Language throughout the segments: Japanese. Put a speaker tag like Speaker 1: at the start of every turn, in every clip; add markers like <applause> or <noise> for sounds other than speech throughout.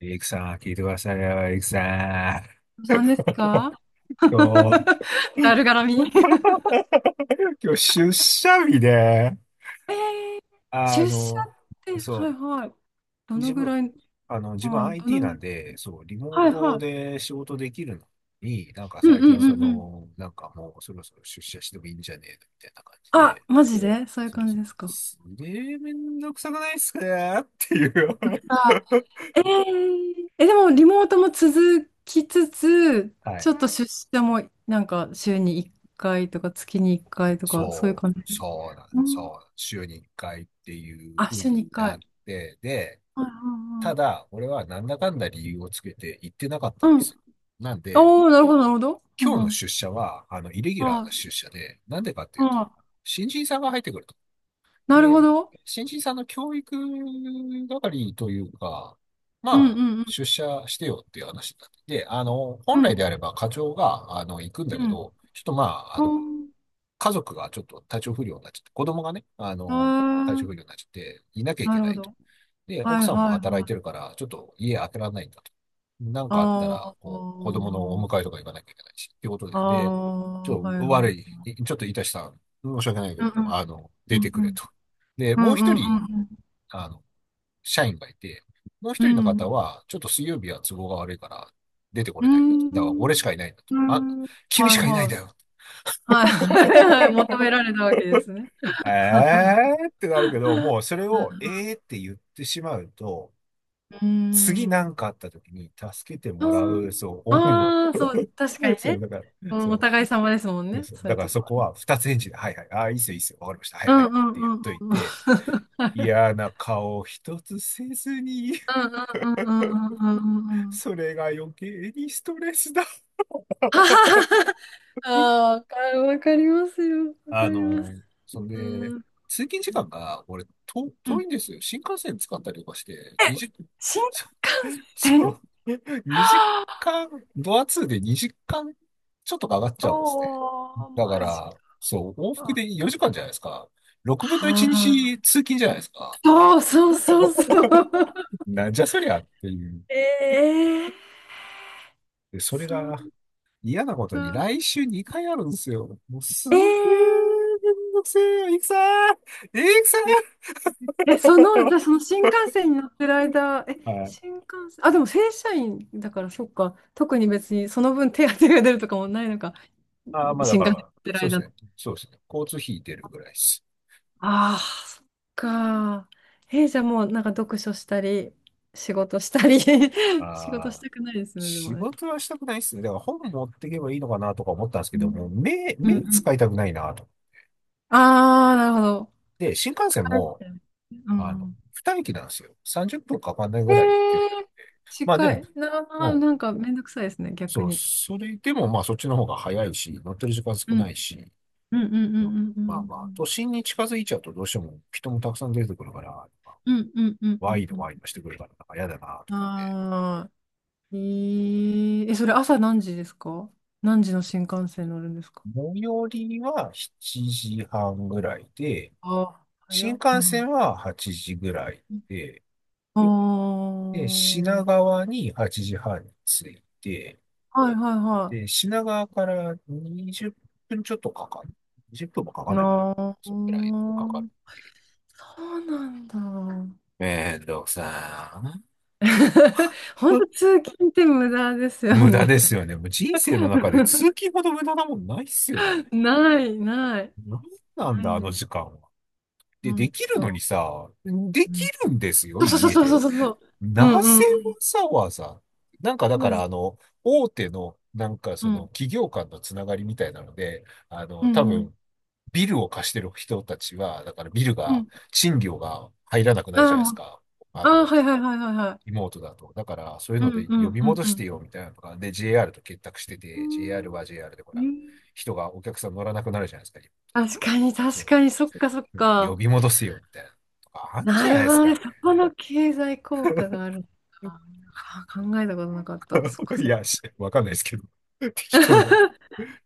Speaker 1: エクさん、聞いてくださいよ、エクさ
Speaker 2: お子
Speaker 1: ん。
Speaker 2: さんですか？
Speaker 1: <laughs> 今日、
Speaker 2: <laughs> だるがらみ。
Speaker 1: <laughs> 今日出社日で、
Speaker 2: えー、
Speaker 1: あ
Speaker 2: 出社
Speaker 1: の、
Speaker 2: って、はい
Speaker 1: そ
Speaker 2: はい。ど
Speaker 1: う、
Speaker 2: のぐらい、
Speaker 1: 自分
Speaker 2: はい、ど
Speaker 1: IT
Speaker 2: のぐ
Speaker 1: な
Speaker 2: らい、
Speaker 1: んで、そう、リモ
Speaker 2: は
Speaker 1: ー
Speaker 2: い
Speaker 1: ト
Speaker 2: はい。
Speaker 1: で仕事できるのに、なんか
Speaker 2: うん
Speaker 1: 最
Speaker 2: うん
Speaker 1: 近
Speaker 2: うんうん。
Speaker 1: なんかもうそろそろ出社してもいいんじゃねえのみたいな感じ
Speaker 2: あ、
Speaker 1: で、
Speaker 2: マジでそういう
Speaker 1: そう
Speaker 2: 感
Speaker 1: そ
Speaker 2: じ
Speaker 1: う、
Speaker 2: ですか？
Speaker 1: すげえめんどくさくないっすかっていう。
Speaker 2: あ、
Speaker 1: <laughs>
Speaker 2: え、でもリモートも続きつつ、
Speaker 1: は
Speaker 2: ちょ
Speaker 1: い。
Speaker 2: っと出社もなんか週に1回とか月に1回とか、そういう感じ。
Speaker 1: そうなんで
Speaker 2: う
Speaker 1: す、
Speaker 2: ん、
Speaker 1: そう、週に1回っていう
Speaker 2: あ、
Speaker 1: 風
Speaker 2: 週
Speaker 1: に
Speaker 2: に1
Speaker 1: な
Speaker 2: 回。
Speaker 1: って、で、
Speaker 2: はいはい
Speaker 1: た
Speaker 2: はい。
Speaker 1: だ、俺はなんだかんだ理由をつけて行ってなかったんで
Speaker 2: うん。
Speaker 1: すよ。なんで、
Speaker 2: おー、なるほど、なるほど。う
Speaker 1: 今
Speaker 2: ん
Speaker 1: 日
Speaker 2: う
Speaker 1: の
Speaker 2: ん。
Speaker 1: 出社は、イレギュラーな
Speaker 2: あ
Speaker 1: 出社で、なんでかってい
Speaker 2: あ、
Speaker 1: う
Speaker 2: あ
Speaker 1: と、
Speaker 2: あ、
Speaker 1: 新人さんが入ってくると。
Speaker 2: なるほ
Speaker 1: で、
Speaker 2: ど。
Speaker 1: 新人さんの教育係というか、ま
Speaker 2: うん
Speaker 1: あ、
Speaker 2: うん
Speaker 1: 出社してよっていう話になって、で、
Speaker 2: う
Speaker 1: 本来で
Speaker 2: ん
Speaker 1: あれば課長が、行くんだ
Speaker 2: う
Speaker 1: け
Speaker 2: ん
Speaker 1: ど、ちょっとまあ、
Speaker 2: うん
Speaker 1: 家族がちょっと体調不良になっちゃって、子供がね、
Speaker 2: う
Speaker 1: 体
Speaker 2: ん。へえ、
Speaker 1: 調不良になっちゃって、いなきゃい
Speaker 2: な
Speaker 1: け
Speaker 2: る
Speaker 1: な
Speaker 2: ほ
Speaker 1: いと。
Speaker 2: ど。
Speaker 1: で、奥
Speaker 2: はい
Speaker 1: さんも
Speaker 2: はい
Speaker 1: 働い
Speaker 2: は
Speaker 1: て
Speaker 2: い。
Speaker 1: るから、ちょっと家開けられないんだと。なんかあったら、
Speaker 2: あ
Speaker 1: こう、子供
Speaker 2: あ、
Speaker 1: のお迎えとか行かなきゃいけないし、っていうこと
Speaker 2: あ
Speaker 1: で、で、ち
Speaker 2: あ、
Speaker 1: ょ
Speaker 2: は
Speaker 1: っ
Speaker 2: い
Speaker 1: と悪
Speaker 2: は
Speaker 1: い、
Speaker 2: い。
Speaker 1: いちょっといたしたん、申し訳ないけ
Speaker 2: うん
Speaker 1: ど、
Speaker 2: うんう
Speaker 1: 出て
Speaker 2: ん
Speaker 1: くれと。で、
Speaker 2: う
Speaker 1: もう一人、
Speaker 2: んうんう
Speaker 1: あの、社員がいて、もう
Speaker 2: んう
Speaker 1: 一人の
Speaker 2: んう
Speaker 1: 方
Speaker 2: ん
Speaker 1: は、ちょっと水曜日は都合が悪いから、出てこ
Speaker 2: う
Speaker 1: れないんだと。だから、俺
Speaker 2: ん
Speaker 1: しかいないんだと。
Speaker 2: う
Speaker 1: あ、
Speaker 2: ん、
Speaker 1: 君
Speaker 2: は
Speaker 1: し
Speaker 2: い
Speaker 1: かいないん
Speaker 2: は
Speaker 1: だ
Speaker 2: い。
Speaker 1: よ。
Speaker 2: はいはいはい。求められたわけですね。
Speaker 1: えーってなるけど、もうそれをえーって言ってしまうと、
Speaker 2: う
Speaker 1: 次な
Speaker 2: ん。
Speaker 1: んかあった時に助けてもらう、そう、恩を。
Speaker 2: ああ、そう、確か
Speaker 1: <laughs>
Speaker 2: に
Speaker 1: そう、
Speaker 2: ね。
Speaker 1: だから、そ
Speaker 2: お互い様ですもん
Speaker 1: う、
Speaker 2: ね。
Speaker 1: そう、
Speaker 2: そう
Speaker 1: だ
Speaker 2: いう
Speaker 1: から
Speaker 2: と
Speaker 1: そ
Speaker 2: こは
Speaker 1: こ
Speaker 2: ね。
Speaker 1: は二つ返事で、はいはい、ああ、いいっすよ、いいっすよ、わかりました、はい
Speaker 2: う
Speaker 1: は
Speaker 2: ん
Speaker 1: い
Speaker 2: う
Speaker 1: って言っ
Speaker 2: ん
Speaker 1: とい
Speaker 2: うんうん。
Speaker 1: て、嫌な顔一つせずに、
Speaker 2: うんうんうんうんうんうんう
Speaker 1: <laughs>
Speaker 2: んうん。
Speaker 1: それが余計にストレスだ。
Speaker 2: はは
Speaker 1: <laughs>
Speaker 2: はは。ああ、わかわかりますよ。わか
Speaker 1: あ
Speaker 2: ります。
Speaker 1: の、そん
Speaker 2: う
Speaker 1: で、
Speaker 2: ん。
Speaker 1: 通勤時間が、俺、
Speaker 2: う
Speaker 1: 遠
Speaker 2: ん。
Speaker 1: いんですよ。新幹線使ったりとかして、
Speaker 2: え、
Speaker 1: 20分。
Speaker 2: 新幹線。
Speaker 1: そ
Speaker 2: は
Speaker 1: う。<laughs> 2
Speaker 2: あ、
Speaker 1: 時間、ドアツーで2時間ちょっとかかっちゃうんですね。
Speaker 2: おー、
Speaker 1: だか
Speaker 2: マジ
Speaker 1: ら、そう、往復
Speaker 2: か。
Speaker 1: で4時間じゃないですか。6分の1
Speaker 2: は
Speaker 1: 日
Speaker 2: あ。
Speaker 1: 通勤じゃないですか。
Speaker 2: そうそうそうそう。<laughs>
Speaker 1: <laughs> なんじゃそりゃっていう。
Speaker 2: ええ、
Speaker 1: で、それ
Speaker 2: そ
Speaker 1: が
Speaker 2: う
Speaker 1: 嫌なことに
Speaker 2: か。
Speaker 1: 来週2回あるんですよ。もうすげー
Speaker 2: ええ
Speaker 1: めんどくせえよ、いくさーいくさ
Speaker 2: え、その、じゃあ
Speaker 1: ー
Speaker 2: その新幹線に乗ってる間、え、
Speaker 1: <laughs> はい。
Speaker 2: 新幹線、あ、でも正社員だから、そっか。特に別にその分手当が出るとかもないのか。
Speaker 1: ああ、まあだ
Speaker 2: 新
Speaker 1: か
Speaker 2: 幹線に乗
Speaker 1: ら、
Speaker 2: ってる
Speaker 1: そうです
Speaker 2: 間の。
Speaker 1: ね。そうですね。交通費出るぐらいです。
Speaker 2: ああ、そっか。え、じゃあもうなんか読書したり、仕事したり
Speaker 1: あ
Speaker 2: <laughs> 仕事し
Speaker 1: あ。
Speaker 2: たくないですよね、でも
Speaker 1: 仕
Speaker 2: ね。
Speaker 1: 事はしたくないっすね。だから本持ってけばいいのかなとか思ったんですけ
Speaker 2: う
Speaker 1: ど、もう
Speaker 2: んうんう
Speaker 1: 目
Speaker 2: ん。
Speaker 1: 使いたくないなと。
Speaker 2: ああ、なるほど。
Speaker 1: で、新幹線
Speaker 2: 疲れ
Speaker 1: も、
Speaker 2: てる。うん。
Speaker 1: 二駅なんですよ。30分かかんない
Speaker 2: え
Speaker 1: ぐらいの距離だ。
Speaker 2: ー、
Speaker 1: まあで
Speaker 2: 近い。
Speaker 1: も、う
Speaker 2: な
Speaker 1: ん。
Speaker 2: なんかめんどくさいですね、逆
Speaker 1: そう、
Speaker 2: に。
Speaker 1: それでもまあそっちの方が早いし、乗ってる時間
Speaker 2: う
Speaker 1: 少な
Speaker 2: ん。
Speaker 1: いし、
Speaker 2: うんうんうんう
Speaker 1: うん、
Speaker 2: んうん
Speaker 1: ま
Speaker 2: う
Speaker 1: あまあ、都
Speaker 2: ん。
Speaker 1: 心に近づいちゃうとどうしても人もたくさん出てくるから、
Speaker 2: うんうんうんう
Speaker 1: ワ
Speaker 2: ん
Speaker 1: イド
Speaker 2: うん。
Speaker 1: ワイドしてくるから、なんか嫌だなと。
Speaker 2: ああ、え、それ朝何時ですか？何時の新幹線乗るんですか？
Speaker 1: 最寄りは7時半ぐらいで、
Speaker 2: ああー、早
Speaker 1: 新
Speaker 2: っ。う
Speaker 1: 幹
Speaker 2: ん。
Speaker 1: 線は8時ぐらいで、
Speaker 2: ああ、
Speaker 1: で、品川に8時半に着いて、
Speaker 2: はいはいは
Speaker 1: で、品川から20分ちょっとかかる。20分もかか
Speaker 2: い。
Speaker 1: んないかな。
Speaker 2: ああ、そ
Speaker 1: それくらいかかる。
Speaker 2: うなんだ。
Speaker 1: めんどくさ
Speaker 2: <laughs> 本
Speaker 1: ー。
Speaker 2: 当
Speaker 1: <laughs>
Speaker 2: 通勤って無駄ですよ
Speaker 1: 無駄
Speaker 2: ね。
Speaker 1: ですよね。もう人生の中で通勤
Speaker 2: <laughs>
Speaker 1: ほど無駄なもんないっすよね。
Speaker 2: ない、ない、
Speaker 1: なんなん
Speaker 2: な
Speaker 1: だ、
Speaker 2: い
Speaker 1: あの
Speaker 2: です。
Speaker 1: 時間は。で、で
Speaker 2: 本
Speaker 1: きるのに
Speaker 2: 当。
Speaker 1: さ、で
Speaker 2: う
Speaker 1: き
Speaker 2: ん、
Speaker 1: るんですよ、
Speaker 2: そうそう
Speaker 1: 家
Speaker 2: そうそう
Speaker 1: で。
Speaker 2: そうそう。うん
Speaker 1: な
Speaker 2: うん
Speaker 1: ぜ
Speaker 2: う
Speaker 1: わ
Speaker 2: ん。
Speaker 1: ざわざなんかだ
Speaker 2: そ
Speaker 1: か
Speaker 2: うで
Speaker 1: ら
Speaker 2: す。
Speaker 1: 大手のなんか
Speaker 2: う
Speaker 1: その
Speaker 2: ん
Speaker 1: 企業間のつながりみたいなので、
Speaker 2: う
Speaker 1: 多
Speaker 2: んうん。
Speaker 1: 分ビルを貸してる人たちは、だからビル
Speaker 2: う
Speaker 1: が、
Speaker 2: ん。
Speaker 1: 賃料が入らなくなる
Speaker 2: あ
Speaker 1: じ
Speaker 2: あ、
Speaker 1: ゃないで
Speaker 2: も
Speaker 1: す
Speaker 2: う、
Speaker 1: か。あ
Speaker 2: ああ、
Speaker 1: の、
Speaker 2: はいはいはいはいはい。
Speaker 1: リモートだと。だからそういう
Speaker 2: う
Speaker 1: の
Speaker 2: ん
Speaker 1: で
Speaker 2: うん
Speaker 1: 呼び
Speaker 2: うん
Speaker 1: 戻
Speaker 2: う
Speaker 1: してよ
Speaker 2: ん。
Speaker 1: みたいなのが、で、JR と結託してて、JR は
Speaker 2: う
Speaker 1: JR でほ
Speaker 2: ーん、
Speaker 1: ら、
Speaker 2: うん、
Speaker 1: 人がお客さん乗らなくなるじゃないですか。リモート
Speaker 2: 確
Speaker 1: とか
Speaker 2: かに
Speaker 1: そう、
Speaker 2: 確
Speaker 1: なん
Speaker 2: かに、
Speaker 1: か
Speaker 2: そっかそっ
Speaker 1: 呼
Speaker 2: か。
Speaker 1: び戻せよみたいなのとかあるんじ
Speaker 2: な
Speaker 1: ゃな
Speaker 2: る
Speaker 1: いで
Speaker 2: ほ
Speaker 1: す
Speaker 2: ど
Speaker 1: か
Speaker 2: ね。そ
Speaker 1: ね。
Speaker 2: この経済効果があるのか。はあー、考えたことなかった。そっか
Speaker 1: い
Speaker 2: そっか。
Speaker 1: や、しわかんないですけど。<laughs> 適当だ。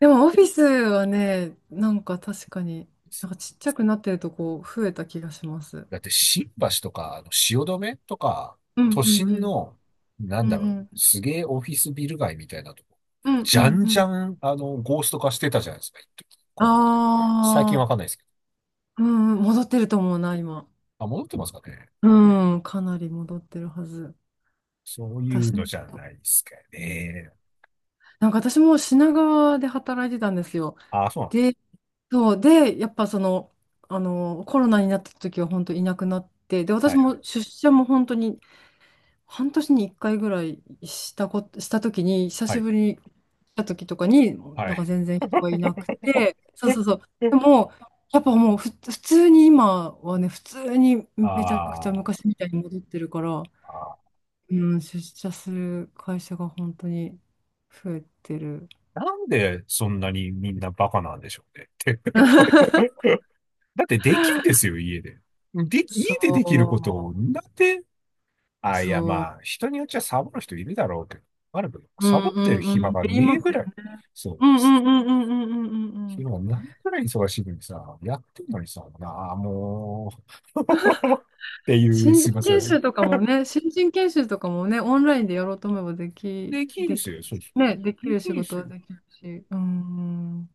Speaker 2: でもオフィスはね、なんか確かに、なんか
Speaker 1: <laughs>
Speaker 2: ちっちゃくなってるとこ増えた気がします。
Speaker 1: だって新橋とか、汐留とか、
Speaker 2: うん
Speaker 1: 都
Speaker 2: うんう
Speaker 1: 心
Speaker 2: ん。
Speaker 1: の、な
Speaker 2: う
Speaker 1: ん
Speaker 2: ん
Speaker 1: だろう、
Speaker 2: うん。
Speaker 1: すげえオフィスビル街みたいなとこ、
Speaker 2: うん
Speaker 1: じ
Speaker 2: う
Speaker 1: ゃ
Speaker 2: ん
Speaker 1: ん
Speaker 2: う
Speaker 1: じゃ
Speaker 2: ん。
Speaker 1: ん、ゴースト化してたじゃないですか、一時コロナで。最近
Speaker 2: ああ、
Speaker 1: わかんないですけど。
Speaker 2: うんうん、戻ってると思うな、今。
Speaker 1: あ、戻ってますかね。
Speaker 2: うん、かなり戻ってるはず。
Speaker 1: そういう
Speaker 2: 私
Speaker 1: の
Speaker 2: も。
Speaker 1: じゃないですか
Speaker 2: うん、
Speaker 1: ね。
Speaker 2: なんか私も品川で働いてたんですよ。
Speaker 1: ああ、そうなのか。
Speaker 2: で、そう、で、やっぱその、あの、コロナになった時は本当いなくなって、で、
Speaker 1: は
Speaker 2: 私
Speaker 1: いは
Speaker 2: も
Speaker 1: い。
Speaker 2: 出社も本当に半年に1回ぐらいしたこと、した時に、久
Speaker 1: は
Speaker 2: し
Speaker 1: い。
Speaker 2: ぶりに来た時とかに、
Speaker 1: は
Speaker 2: なん
Speaker 1: い。
Speaker 2: か全然人がいなくて、そうそうそう。
Speaker 1: <laughs>
Speaker 2: でも、やっぱもう普通に今はね、普通に
Speaker 1: あ
Speaker 2: めちゃくちゃ
Speaker 1: ー
Speaker 2: 昔みたいに戻ってるから、
Speaker 1: あ
Speaker 2: うん、出社する会社が本当に増えてる。
Speaker 1: ー、なんでそんなにみんなバカなんでしょうねって。<laughs>
Speaker 2: <laughs>
Speaker 1: だってできんですよ、家で。で、
Speaker 2: そ
Speaker 1: 家でできることを、
Speaker 2: う、
Speaker 1: なんで、あ、いや、
Speaker 2: そ
Speaker 1: まあ、人によっちゃサボる人いるだろうけど、あるけど、
Speaker 2: う、う
Speaker 1: サ
Speaker 2: ん
Speaker 1: ボっ
Speaker 2: う
Speaker 1: てる
Speaker 2: んう
Speaker 1: 暇
Speaker 2: んっ
Speaker 1: が
Speaker 2: て言い
Speaker 1: ね
Speaker 2: ま
Speaker 1: え
Speaker 2: す
Speaker 1: ぐ
Speaker 2: よ
Speaker 1: らい、
Speaker 2: ね。
Speaker 1: そ
Speaker 2: う
Speaker 1: う、
Speaker 2: んうんうんうんうんうんうんうん。
Speaker 1: 暇がないぐらい忙しいのにさ、やってんのにさ、なあ、もう、<laughs> っていう、
Speaker 2: 新
Speaker 1: す
Speaker 2: 人
Speaker 1: いませ
Speaker 2: 研
Speaker 1: ん。
Speaker 2: 修とかもね、新人研修とかもね、オンラインでやろうと思えばでき、
Speaker 1: できん
Speaker 2: で
Speaker 1: す
Speaker 2: き、
Speaker 1: よ、そうです。
Speaker 2: ね、でき
Speaker 1: で
Speaker 2: る仕
Speaker 1: きん
Speaker 2: 事
Speaker 1: すよ。
Speaker 2: はできるし、うん、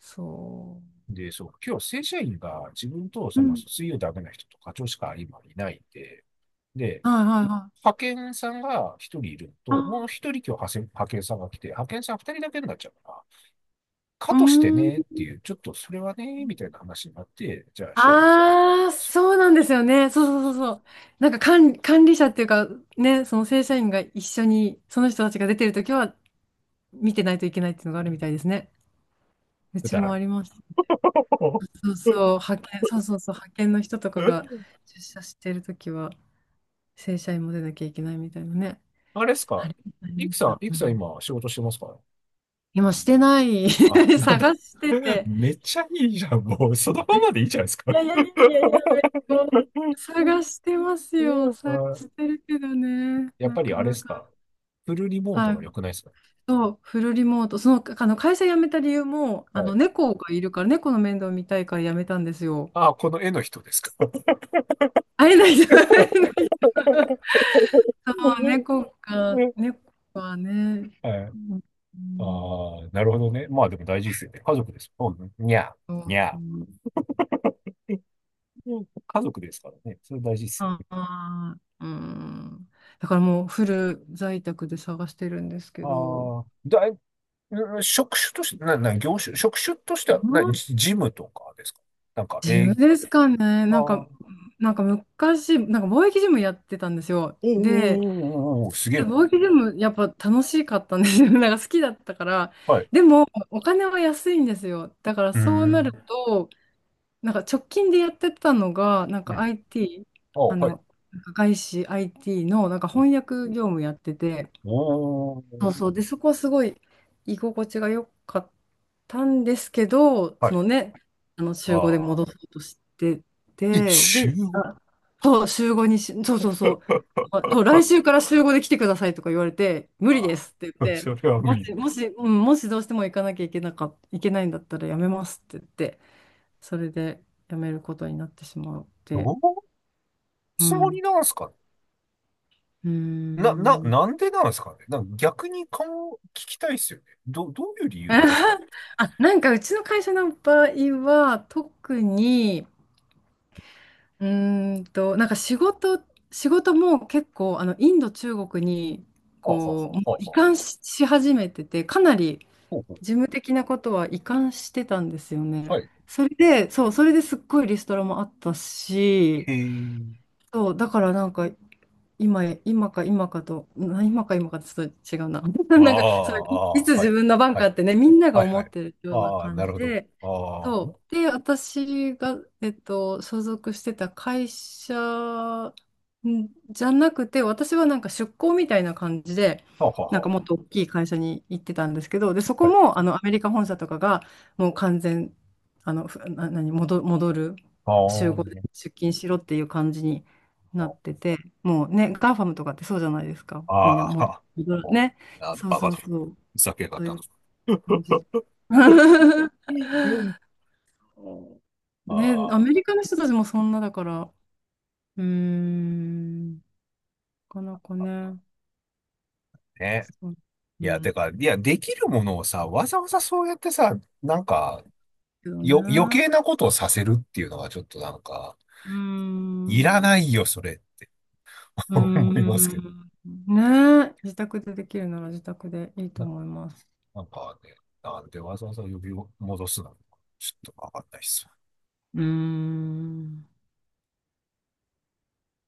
Speaker 2: そ
Speaker 1: で、そう、今日正社員が自分と
Speaker 2: う。う
Speaker 1: その
Speaker 2: ん。
Speaker 1: 水曜ダメな人と課長しか今いないんで、で、
Speaker 2: はいはいはい。
Speaker 1: 派遣さんが一人いるの
Speaker 2: あ、
Speaker 1: と、もう一人今日派遣さんが来て、派遣さん二人だけになっちゃうから、か
Speaker 2: う
Speaker 1: として
Speaker 2: ん。
Speaker 1: ねっていう、ちょっとそれはね、みたいな話になって、じゃあ社員、
Speaker 2: ああ、
Speaker 1: そう
Speaker 2: そうなんですよね。そう
Speaker 1: そ
Speaker 2: そ
Speaker 1: う
Speaker 2: うそう
Speaker 1: そ
Speaker 2: そう。なんか管理者っていうか、ね、その正社員が一緒に、その人たちが出てるときは、見てないといけないっていうのがあるみたいですね。う
Speaker 1: う、く
Speaker 2: ち
Speaker 1: だ
Speaker 2: も
Speaker 1: ら
Speaker 2: あ
Speaker 1: ね
Speaker 2: ります。そう
Speaker 1: え。<laughs>
Speaker 2: そう、派遣、そうそうそう、派遣の人とかが
Speaker 1: え
Speaker 2: 出社してるときは、正社員も出なきゃいけないみたいなね。
Speaker 1: あれっす
Speaker 2: あ
Speaker 1: か？
Speaker 2: りあり
Speaker 1: い
Speaker 2: ま
Speaker 1: く
Speaker 2: し
Speaker 1: さ
Speaker 2: た。
Speaker 1: ん、い
Speaker 2: う
Speaker 1: くさん
Speaker 2: ん、
Speaker 1: 今仕事してますか？
Speaker 2: 今してない。
Speaker 1: あ、
Speaker 2: <laughs>
Speaker 1: なんだ。
Speaker 2: 探して
Speaker 1: <laughs>
Speaker 2: て。
Speaker 1: めっちゃいいじゃん。もうそのままでいいじゃないです
Speaker 2: い
Speaker 1: か。
Speaker 2: やいやいやいやいや、
Speaker 1: <laughs>
Speaker 2: 探してますよ。探し
Speaker 1: あ
Speaker 2: てるけどね、
Speaker 1: やっ
Speaker 2: な
Speaker 1: ぱり
Speaker 2: か
Speaker 1: あれっ
Speaker 2: な
Speaker 1: す
Speaker 2: か。
Speaker 1: か？フルリモート
Speaker 2: はい。
Speaker 1: が良くないですか？
Speaker 2: そう、フルリモート。その、あの会社辞めた理由も、あ
Speaker 1: は
Speaker 2: の、
Speaker 1: い。
Speaker 2: 猫がいるから、猫の面倒見たいから辞めたんですよ。
Speaker 1: あ、この絵の人ですか？
Speaker 2: 会えないじゃん。<laughs> <laughs>
Speaker 1: <laughs>
Speaker 2: ああ、猫か、
Speaker 1: う
Speaker 2: 猫はね。
Speaker 1: はい。
Speaker 2: うんうん、
Speaker 1: ああ、なるほどね。まあでも大事ですよね。家族ですもんね。にゃー、
Speaker 2: そう、
Speaker 1: に
Speaker 2: う
Speaker 1: ゃ
Speaker 2: ん、
Speaker 1: ー。<laughs> うん家族ですからね。それ大事ですよ
Speaker 2: あ
Speaker 1: ね。
Speaker 2: あ、うん。だからもうフル在宅で探してるんですけど、うん、
Speaker 1: ああ、うん職種として、な、な、業種、職種としては、ジジムとかですか？なんか、
Speaker 2: ジムですかね。
Speaker 1: ああ、
Speaker 2: なんか、
Speaker 1: お
Speaker 2: なんか昔、なんか貿易ジムやってたんですよ。
Speaker 1: ー
Speaker 2: で、
Speaker 1: おーおーすげ
Speaker 2: で
Speaker 1: えな。
Speaker 2: 貿易ジムやっぱ楽しかったんですよ。<laughs> なんか好きだったから。
Speaker 1: はい。う
Speaker 2: でも、お金は安いんですよ。だから
Speaker 1: ー
Speaker 2: そうなる
Speaker 1: ん。
Speaker 2: と、なんか直近でやってたのが、なん
Speaker 1: う
Speaker 2: か
Speaker 1: ん。
Speaker 2: IT、
Speaker 1: ああ、
Speaker 2: あ
Speaker 1: はい。
Speaker 2: の、なんか外資 IT のなんか翻訳業務やってて、
Speaker 1: おお、
Speaker 2: そうそう、で、そこはすごい居心地が良かったんですけど、
Speaker 1: は
Speaker 2: そ
Speaker 1: い。
Speaker 2: のね、あの週5で
Speaker 1: ああ、
Speaker 2: 戻そうとして
Speaker 1: え、
Speaker 2: て、
Speaker 1: 週
Speaker 2: で、
Speaker 1: ご
Speaker 2: あ、そう、週5にし、そうそうそう、
Speaker 1: <laughs>
Speaker 2: あ、そう、来週から週合で来てくださいとか言われて、無理で
Speaker 1: あ
Speaker 2: すって
Speaker 1: あ、
Speaker 2: 言って、
Speaker 1: それは無
Speaker 2: も
Speaker 1: 理だ。
Speaker 2: し、もし、うん、もしどうしても行かなきゃいけなか、いけないんだったらやめますって言って。それで辞めることになってしまっ
Speaker 1: どうい
Speaker 2: て、
Speaker 1: う
Speaker 2: う
Speaker 1: つもり
Speaker 2: ん。
Speaker 1: なんすかね？
Speaker 2: うーん。
Speaker 1: なんでなんですかね。なんか逆に顔を聞きたいですよね。どういう理
Speaker 2: <laughs>
Speaker 1: 由なんですかね。
Speaker 2: あ、なんかうちの会社の場合は、特に、なんか仕事も結構、あの、インド、中国に、
Speaker 1: はあ、はあ、
Speaker 2: こ
Speaker 1: は
Speaker 2: う、もう
Speaker 1: あ、はあ
Speaker 2: 移
Speaker 1: はあ。
Speaker 2: 管し、し始めてて、かなり
Speaker 1: ほうほう。
Speaker 2: 事務的なことは移管してたんですよ
Speaker 1: は
Speaker 2: ね。
Speaker 1: い。
Speaker 2: それで、そう、それですっごいリストラもあったし、
Speaker 1: へえ。
Speaker 2: そう、だからなんか、今か今かと、<laughs> 今か今かとちょっと違うな。<laughs>
Speaker 1: あ
Speaker 2: なんか、そ
Speaker 1: あ、
Speaker 2: れい
Speaker 1: ああ
Speaker 2: つ
Speaker 1: ー、は
Speaker 2: 自
Speaker 1: い。
Speaker 2: 分の番
Speaker 1: は
Speaker 2: かっ
Speaker 1: い。
Speaker 2: てね、みんなが
Speaker 1: はい、
Speaker 2: 思
Speaker 1: は
Speaker 2: っ
Speaker 1: い。
Speaker 2: てるような
Speaker 1: ああ、
Speaker 2: 感
Speaker 1: なる
Speaker 2: じ
Speaker 1: ほど。
Speaker 2: で、
Speaker 1: ああ、は
Speaker 2: そう。で、私が、所属してた会社んじゃなくて、私はなんか出向みたいな感じで、
Speaker 1: あ、はあ、
Speaker 2: なんか
Speaker 1: は
Speaker 2: もっと大きい会社に行ってたんですけど、で、そ
Speaker 1: あ。
Speaker 2: こ
Speaker 1: はい。
Speaker 2: も、あの、アメリカ本社とかが、もう完全、あの、ふな、何、戻、戻る、
Speaker 1: あ
Speaker 2: 集合で
Speaker 1: あ、
Speaker 2: 出勤しろっていう感じに。なってて、もうね、ガーファムとかってそうじゃないですか。
Speaker 1: あ
Speaker 2: みんな
Speaker 1: あ、あ
Speaker 2: も
Speaker 1: あ、
Speaker 2: う、
Speaker 1: あ
Speaker 2: ね、そう
Speaker 1: バカ
Speaker 2: そ
Speaker 1: だ。
Speaker 2: うそう、
Speaker 1: ふざけやがっ
Speaker 2: そうい
Speaker 1: たと。
Speaker 2: う感じ。
Speaker 1: <laughs>
Speaker 2: <laughs>
Speaker 1: うんあ
Speaker 2: ね、アメ
Speaker 1: あ、
Speaker 2: リカの人たちもそんなだから、うーん、なかなかね、
Speaker 1: ね。
Speaker 2: そう、う
Speaker 1: いや、
Speaker 2: ん、
Speaker 1: てか、いや、できるものをさ、わざわざそうやってさ、なんか、
Speaker 2: けど
Speaker 1: 余
Speaker 2: ね、
Speaker 1: 計なことをさせるっていうのはちょっとなんか、
Speaker 2: うー
Speaker 1: いらな
Speaker 2: ん、う
Speaker 1: いよ、それって <laughs>
Speaker 2: ー
Speaker 1: 思いますけどね。
Speaker 2: ん、ね、自宅でできるなら自宅でいいと
Speaker 1: な、
Speaker 2: 思います。
Speaker 1: なんかね、なんでわざわざ呼び戻すのか、ちょっとわかんないっす。
Speaker 2: うーん。